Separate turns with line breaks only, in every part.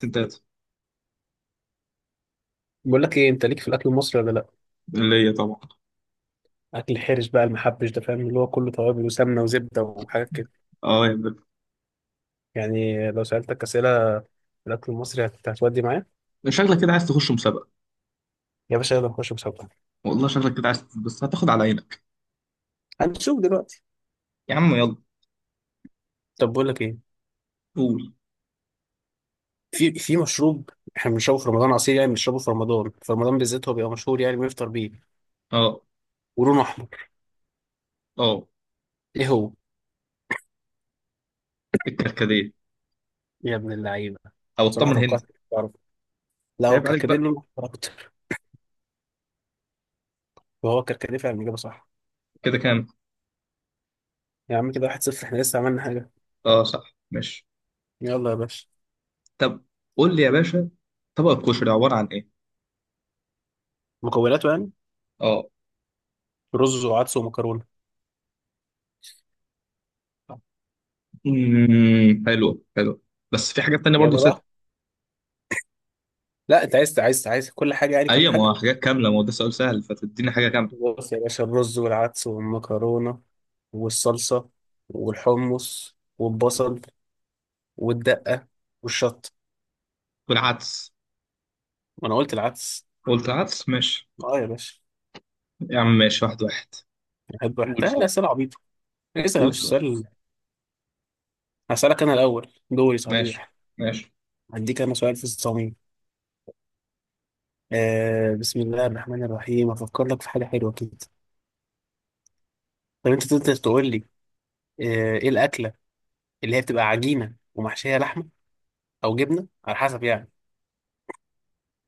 ستات.
بقول لك ايه، انت ليك في الاكل المصري ولا لا؟
اللي هي طبعا.
اكل حرش بقى المحبش ده، فاهم؟ اللي هو كله توابل وسمنه وزبده وحاجات كده.
اه يا بنت.
يعني لو سالتك اسئله في الاكل المصري هت- هتودي معايا؟
شكلك كده عايز تخش مسابقة.
يا باشا يلا نخش مسابقه.
والله شكلك كده عايز بس هتاخد على عينك.
هنشوف دلوقتي.
يا عم يلا.
طب بقول لك ايه،
قول.
في مشروب احنا بنشربه في رمضان، عصير يعني، بنشربه في رمضان، بالذات هو بيبقى مشهور، يعني بيفطر بيه
اه.
ولونه احمر.
اه
ايه هو؟
الكركديه
يا ابن اللعيبه،
او
بصراحه
الطمر
توقعت
هندي.
إنك تعرف. لا هو
عيب عليك
كركديه
بقى.
لونه احمر اكتر. وهو كركديه فعلا، اجابه صح.
كده كام.
يا عم كده واحد صفر، احنا لسه عملنا حاجه.
اه صح ماشي.
يلا يا باشا.
طب قول لي يا باشا، طبق الكشري عبارة عن ايه.
مكوناته يعني،
اه.
رز وعدس ومكرونه.
حلو حلو. بس في حاجات تانية برضه
يلا
ست.
بقى، لا انت عايز كل حاجه، يعني كل
ايوه، ما
حاجه.
هو حاجات كاملة، ما هو ده سؤال سهل فتديني حاجة كاملة.
بص يا باشا، الرز والعدس والمكرونه والصلصه والحمص والبصل والدقه والشطه.
والعدس.
ما انا قلت العدس.
قلت العدس ماشي.
اه يا باشا.
يا عم ماشي، واحد واحد.
بحب
قول
احتاج
سؤال.
اسئله عبيطه. اسال يا
قول
باشا
سؤال.
سؤال. هسالك انا الاول، دوري
ماشي.
صحيح.
ماشي.
هديك انا سؤال في الصميم. بسم الله الرحمن الرحيم، افكر لك في حاجه حلوه كده. طب انت تقدر تقول لي ايه الاكله اللي هي بتبقى عجينه ومحشيه لحمه او جبنه على حسب، يعني؟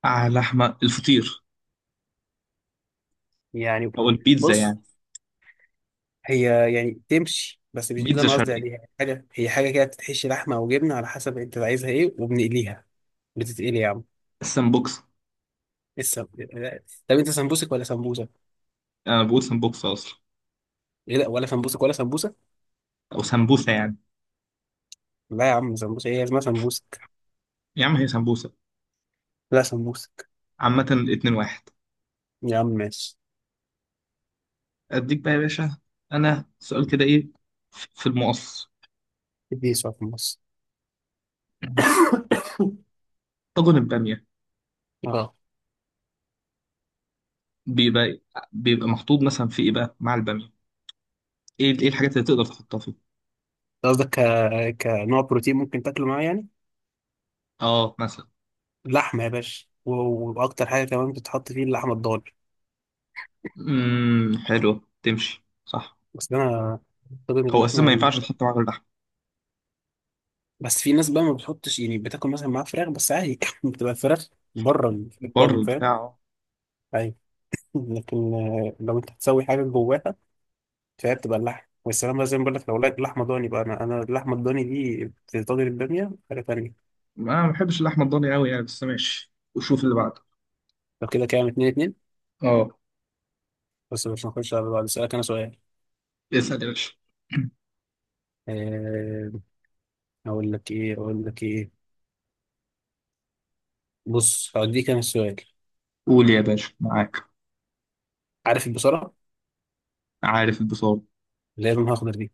آه لحمة الفطير.
يعني
أو البيتزا
بص،
يعني.
هي تمشي، بس مش دي اللي
بيتزا
انا قصدي
شرقي.
عليها. حاجه هي، حاجه كده بتتحشي لحمه او جبنه على حسب انت عايزها ايه، وبنقليها. بتتقلي يا عم.
السمبوكسة.
لسه. طب انت سمبوسك ولا سمبوسه؟
أنا بقول سمبوكسة أصلا.
ايه، لا ولا سمبوسك ولا سمبوسه.
أو سمبوسة يعني.
لا يا عم سمبوسه، ايه اسمها سمبوسك؟
يا عم هي سمبوسة.
لا سمبوسك.
عامة الاتنين واحد.
يا عم ماشي.
أديك بقى يا باشا. أنا سؤال كده إيه؟ في في المقص.
اديني سؤال في النص.
طاجن البامية.
اه
بيبقى بيبقى محطوط مثلا في إيه بقى مع البامية؟ إيه الحاجات اللي تقدر تحطها فيه؟
قصدك ك... كنوع بروتين ممكن تاكله معاه، يعني؟
آه مثلا.
لحمه يا باشا و... واكتر حاجه كمان بتتحط فيه اللحمه الضاني.
حلوة تمشي صح.
بس انا، طبعا
هو أساسا ما
اللحمه.
ينفعش تحط معاه اللحمة.
بس في ناس بقى ما بتحطش، يعني بتاكل مثلا معاها فراخ بس عادي، بتبقى الفراخ بره
بره
الطاجن، فاهم؟
البتاع أه.
ايوه. لكن لو انت هتسوي حاجه جواها، فهي بتبقى اللحم والسلام بقى، زي ما بقول لك. لو لقيت لحمه ضاني بقى، انا اللحمه الضاني دي في طاجن الباميه حاجه تانيه.
أنا ما بحبش اللحمة الضاني أوي يعني، بس ماشي وشوف اللي بعده.
لو كده كام؟ اتنين اتنين.
اه.
بس مش هنخش على بعض، اسالك انا سؤال.
اسأل يا باشا.
أه... اقول لك ايه؟ بص هوديك انا السؤال.
قول يا باشا معاك.
عارف البصله
عارف البصارة.
اللي هي لونها اخضر دي؟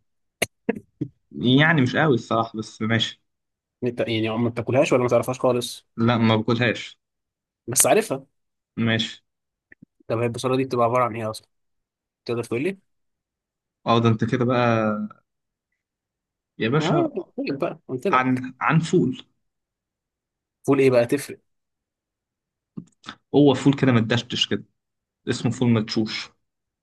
يعني مش قوي الصراحة، بس ماشي.
انت يعني ما بتاكلهاش ولا ما تعرفهاش خالص؟
لا ما باكلهاش.
بس عارفها.
ماشي.
طب هي البصله دي بتبقى عباره عن ايه اصلا، تقدر تقول لي؟
اه ده انت كده بقى يا
اه
باشا.
قلت لك بقى، قلت لك.
عن فول.
فول ايه بقى، تفرق؟
هو فول كده متدشتش كده، اسمه فول مدشوش.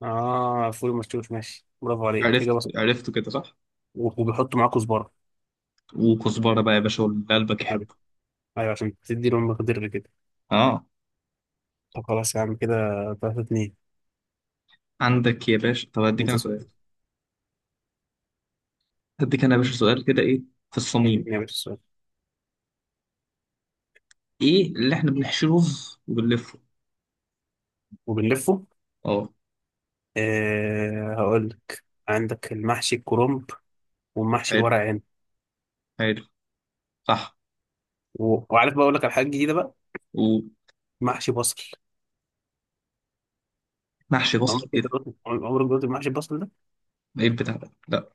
اه فول مشوش، ماشي برافو عليك،
عرفت
اجابه صح.
عرفته كده صح.
و- وبيحطوا معاه كزبره.
وكزبرة بقى يا باشا واللي قلبك
ايوه.
يحبه.
عشان تدي لهم مقدار كده.
اه.
طب خلاص يا عم كده 3 2.
عندك يا باشا. طب هديك
انت
انا سؤال.
سؤال،
هديك انا يا باشا سؤال كده ايه، في الصميم.
انت يا باشا سؤال.
ايه اللي احنا بنحشي رز وبنلفه؟
وبنلفه.
اه.
هقول لك، عندك المحشي الكرنب والمحشي
حلو.
الورق عنب.
حلو. صح.
و- وعارف بقى، اقول لك على حاجه جديده بقى.
ومحشي
محشي بصل.
بصل
عمرك انت
كده.
دوت- عمرك دوت المحشي البصل ده؟
ايه البتاع ده، لا.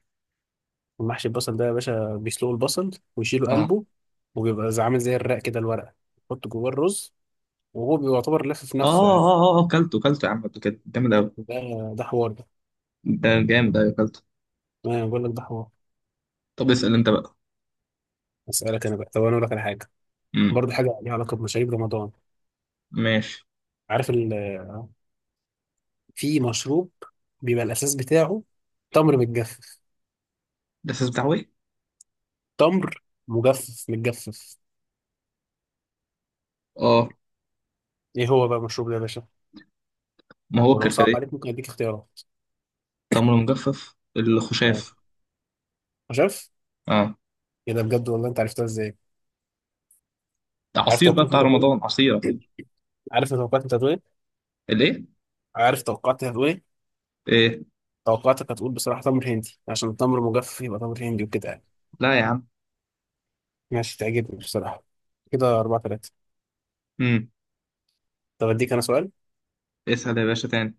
المحشي البصل ده يا باشا، بيسلقوا البصل ويشيلوا
اه. اه.
قلبه، وبيبقى زي- عامل زي الرق كده، الورقه، يحط جواه الرز وهو بيعتبر لف في
اه.
نفسه، يعني.
اه. آه، كلته يا عم قبل كده، جامد قوي.
ده ده حوار ده،
ده جامد، ايوه كلته.
انا بقول لك ده حوار.
طب اسال انت بقى.
اسالك انا بقى، طب انا اقول لك على حاجه،
امم
برضه حاجه ليها علاقه بمشاريب رمضان.
ماشي.
عارف ال... في مشروب بيبقى الاساس بتاعه تمر متجفف.
ده اساس بتاع ايه؟
تمر متجفف.
اه.
ايه هو بقى المشروب ده يا باشا؟
ما هو
ولو صعب عليك
الكرفديه.
ممكن اديك اختيارات.
تمر مجفف،
اه
الخشاف.
شايف.
اه.
ايه ده بجد، والله انت عرفتها ازاي؟
ده
عارف
عصير بقى
توقعاتك
بتاع
انت هتقول
رمضان،
إيه؟
عصير عصير.
عارف توقعاتك انت هتقول ايه
الايه؟
عارف توقعاتك هتقول ايه
ايه إيه؟
توقعاتك هتقول بصراحه تمر هندي، عشان التمر مجفف يبقى تمر هندي، وكده يعني.
لا يا عم.
ماشي تعجبني بصراحه. كده أربعة تلاتة.
امم
طب اديك انا سؤال.
اسال يا باشا تاني.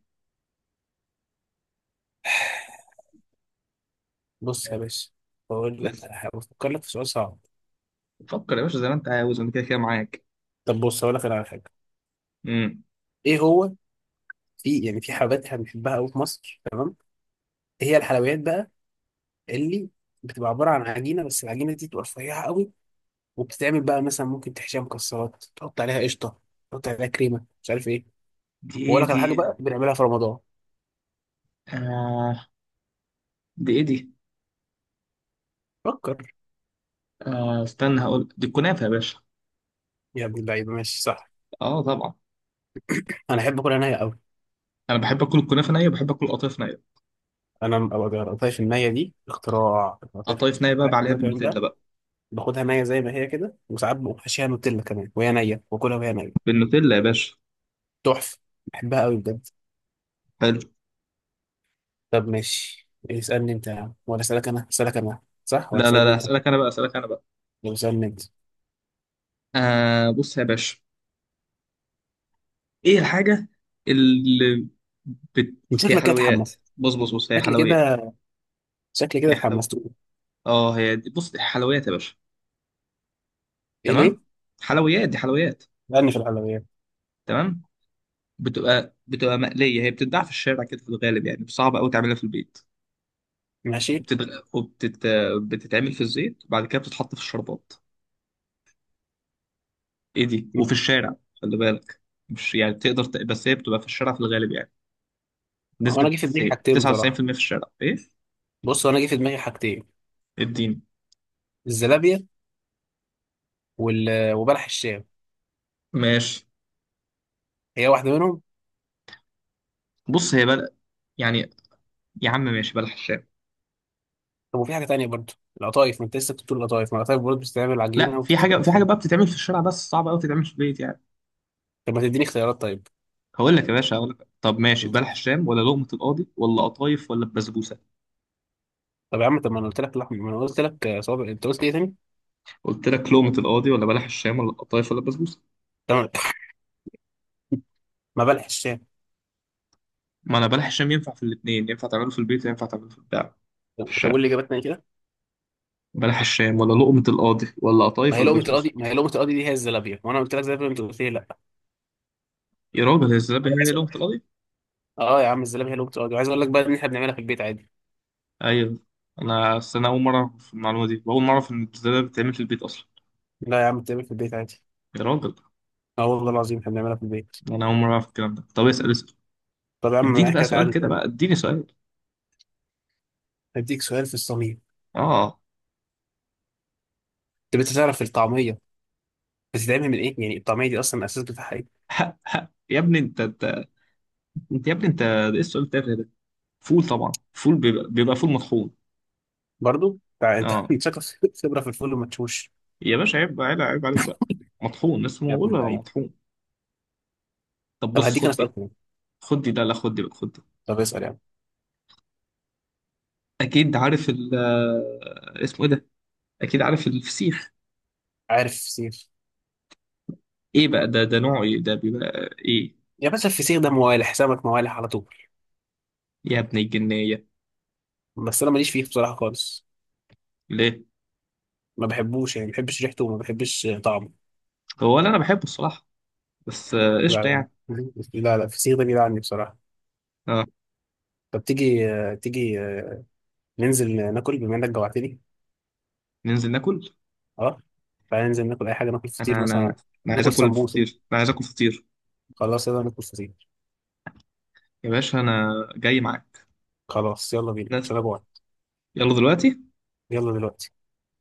بص يا باشا، بقول لك
اسال.
على حاجه، بفكر لك في سؤال صعب.
فكر يا باشا زي ما انت عاوز، انا كده كده معاك.
طب بص، اقول لك أنا على حاجه.
امم
ايه هو؟ في، يعني في حلويات احنا بنحبها قوي في مصر، تمام؟ إيه هي الحلويات بقى اللي بتبقى عباره عن عجينه، بس العجينه دي بتبقى رفيعه قوي، وبتتعمل بقى مثلا، ممكن تحشيها مكسرات، تحط عليها قشطه، تحط عليها كريمه، مش عارف ايه.
دي ايه
واقول لك على
دي؟
حاجه بقى، بنعملها في رمضان.
آه دي ايه دي؟
فكر.
استنى، هقول دي الكنافه يا باشا.
يا ابن اللعيبه، ماشي صح.
اه طبعا.
انا احب اكلها نيه قوي.
انا بحب اكل الكنافه نيه، وبحب اكل القطايف نيه.
انا ما بقدرش النيه دي، اختراع ما بقدرش.
قطايف نايبه عليها بالنوتيلا بقى.
باخدها نية زي ما هي كده، وساعات بقوم حاشيها نوتيلا كمان وهي نية، واكلها وهي نية.
بالنوتيلا يا باشا.
تحفة. بحبها قوي بجد.
حلو.
طب ماشي، اسألني انت يا عم ولا اسألك انا اسألك انا صح ولا
لا لا
اسألني
لا
انت
هسألك انا بقى، هسألك انا بقى.
ولا اسألني انت
آه بص يا باشا. ايه الحاجة اللي بت...
من
هي
شكلك كده
حلويات.
اتحمست.
بص بص بص، هي
شكلي
حلويات.
كده شكلي كده
هي حلو.
اتحمست.
اه هي دي، بص دي حلويات يا باشا.
ايه ليه؟
تمام. حلويات، دي حلويات.
اسألني في الحلويات.
تمام. بتبقى مقلية، هي بتتباع في الشارع كده في الغالب، يعني صعب قوي تعملها في البيت.
ماشي.
وبتتغ... وبتت... بتتعمل في الزيت وبعد كده بتتحط في الشربات. ايه دي؟
م.
وفي الشارع خلي بالك. مش يعني تقدر بس هي بتبقى في الشارع في الغالب يعني.
هو انا
نسبة
جه في دماغي حاجتين
99% في
بصراحة.
المية، في الشارع ايه.
بص هو انا جه في دماغي حاجتين،
اديني.
الزلابية وال... وبلح الشام،
ماشي.
هي واحدة منهم.
بص هي يعني، يا عم ماشي بلح الشارع.
طب وفي حاجة تانية برضه، القطايف؟ ما انت لسه كنت بتقول القطايف، ما القطايف برضه بتستعمل
لا
عجينة
في
وبتت...
حاجة، في حاجة
بت-.
بقى بتتعمل في الشارع بس صعبة قوي تتعمل في البيت يعني.
طب ما تديني اختيارات.
هقول لك يا باشا، هقول لك طب ماشي بلح
طيب.
الشام ولا لقمة القاضي ولا قطايف ولا البسبوسة.
طب يا عم، طب ما انا قلت لك لحم، ما انا قلت لك صوابع، انت قلت ايه تاني؟
قلت لك لقمة القاضي ولا بلح الشام ولا القطايف ولا البسبوسة.
تمام. ما بلح الشام.
ما انا بلح الشام ينفع في الاثنين، ينفع تعمله في البيت وينفع تعمله في البتاع، في الشارع.
تقول لي اجابتنا ايه كده؟
بلح الشام ولا لقمة القاضي ولا
ما
قطايف
هي
ولا
لقمه
بسبوسة.
القاضي، دي هي الزلابيه، وانا قلت لك زلابيه انت قلت لي لا.
يا راجل هي الزلابية
انا
هي
عايز أقول-.
لغة القضية؟
اه يا عم الزلابيه هي لقمه القاضي، وعايز اقول لك بقى ان احنا بنعملها في البيت عادي.
أيوة. أنا أصل أنا أول مرة أعرف المعلومة دي، وأول مرة أعرف إن الزلابية بتتعمل في البيت أصلا.
لا يا عم، بتعمل في البيت عادي.
يا راجل.
اه والله العظيم احنا بنعملها في البيت.
أنا أول مرة أعرف الكلام ده. طب اسأل، اسأل.
طب يا عم
اديني بقى
حكايه
سؤال
عادي
كده
يعني.
بقى، اديني سؤال.
هديك سؤال في الصميم.
آه.
طب انت تعرف الطعميه بتتعمل من ايه؟ يعني الطعميه دي اصلا الاساس بتاعها ايه؟
حق يا ابني، أنت. أنت يا ابني أنت، ده إيه السؤال التافه ده؟ فول طبعا، فول بيبقى, فول مطحون.
برضه تع- انت
آه
أنت شكلك خبره في الفول، وما تشوش.
يا باشا عيب بقى، عيب، عيب عليك بقى. مطحون، لسه ما
يا ابن
بقول لك
اللعيبه.
مطحون. طب
طب
بص
هديك انا
خد دي.
سؤال كمان.
خد دي، لا لا، خد دي بقى خد دي.
طب اسال يا عم.
أكيد عارف ال اسمه إيه ده؟ أكيد عارف الفسيخ.
عارف سيف،
ايه بقى ده؟ ده نوعه ايه ده، بيبقى ايه؟
يا باشا الفسيخ ده موالح، سمك موالح على طول.
يا ابن الجنية.
بس انا ماليش فيه بصراحه خالص،
ليه؟
ما بحبوش، يعني ما بحبش ريحته وما بحبش طعمه.
هو اللي انا بحبه الصراحة. بس قشطة
لا
يعني.
لا لا الفسيخ ده بيلعني بصراحه.
اه.
طب تيجي ننزل ناكل، بما انك جوعتني.
ننزل ناكل.
اه. تعالى ننزل ناكل اي حاجه، ناكل فطير
انا
مثلا،
انا عايز
ناكل
اكل
سمبوسه.
فطير، انا عايز اكل فطير.
خلاص يلا ناكل فطير.
يا باشا انا جاي معاك.
خلاص يلا بينا
بس
عشان انا جوعت.
يلا دلوقتي.
يلا دلوقتي.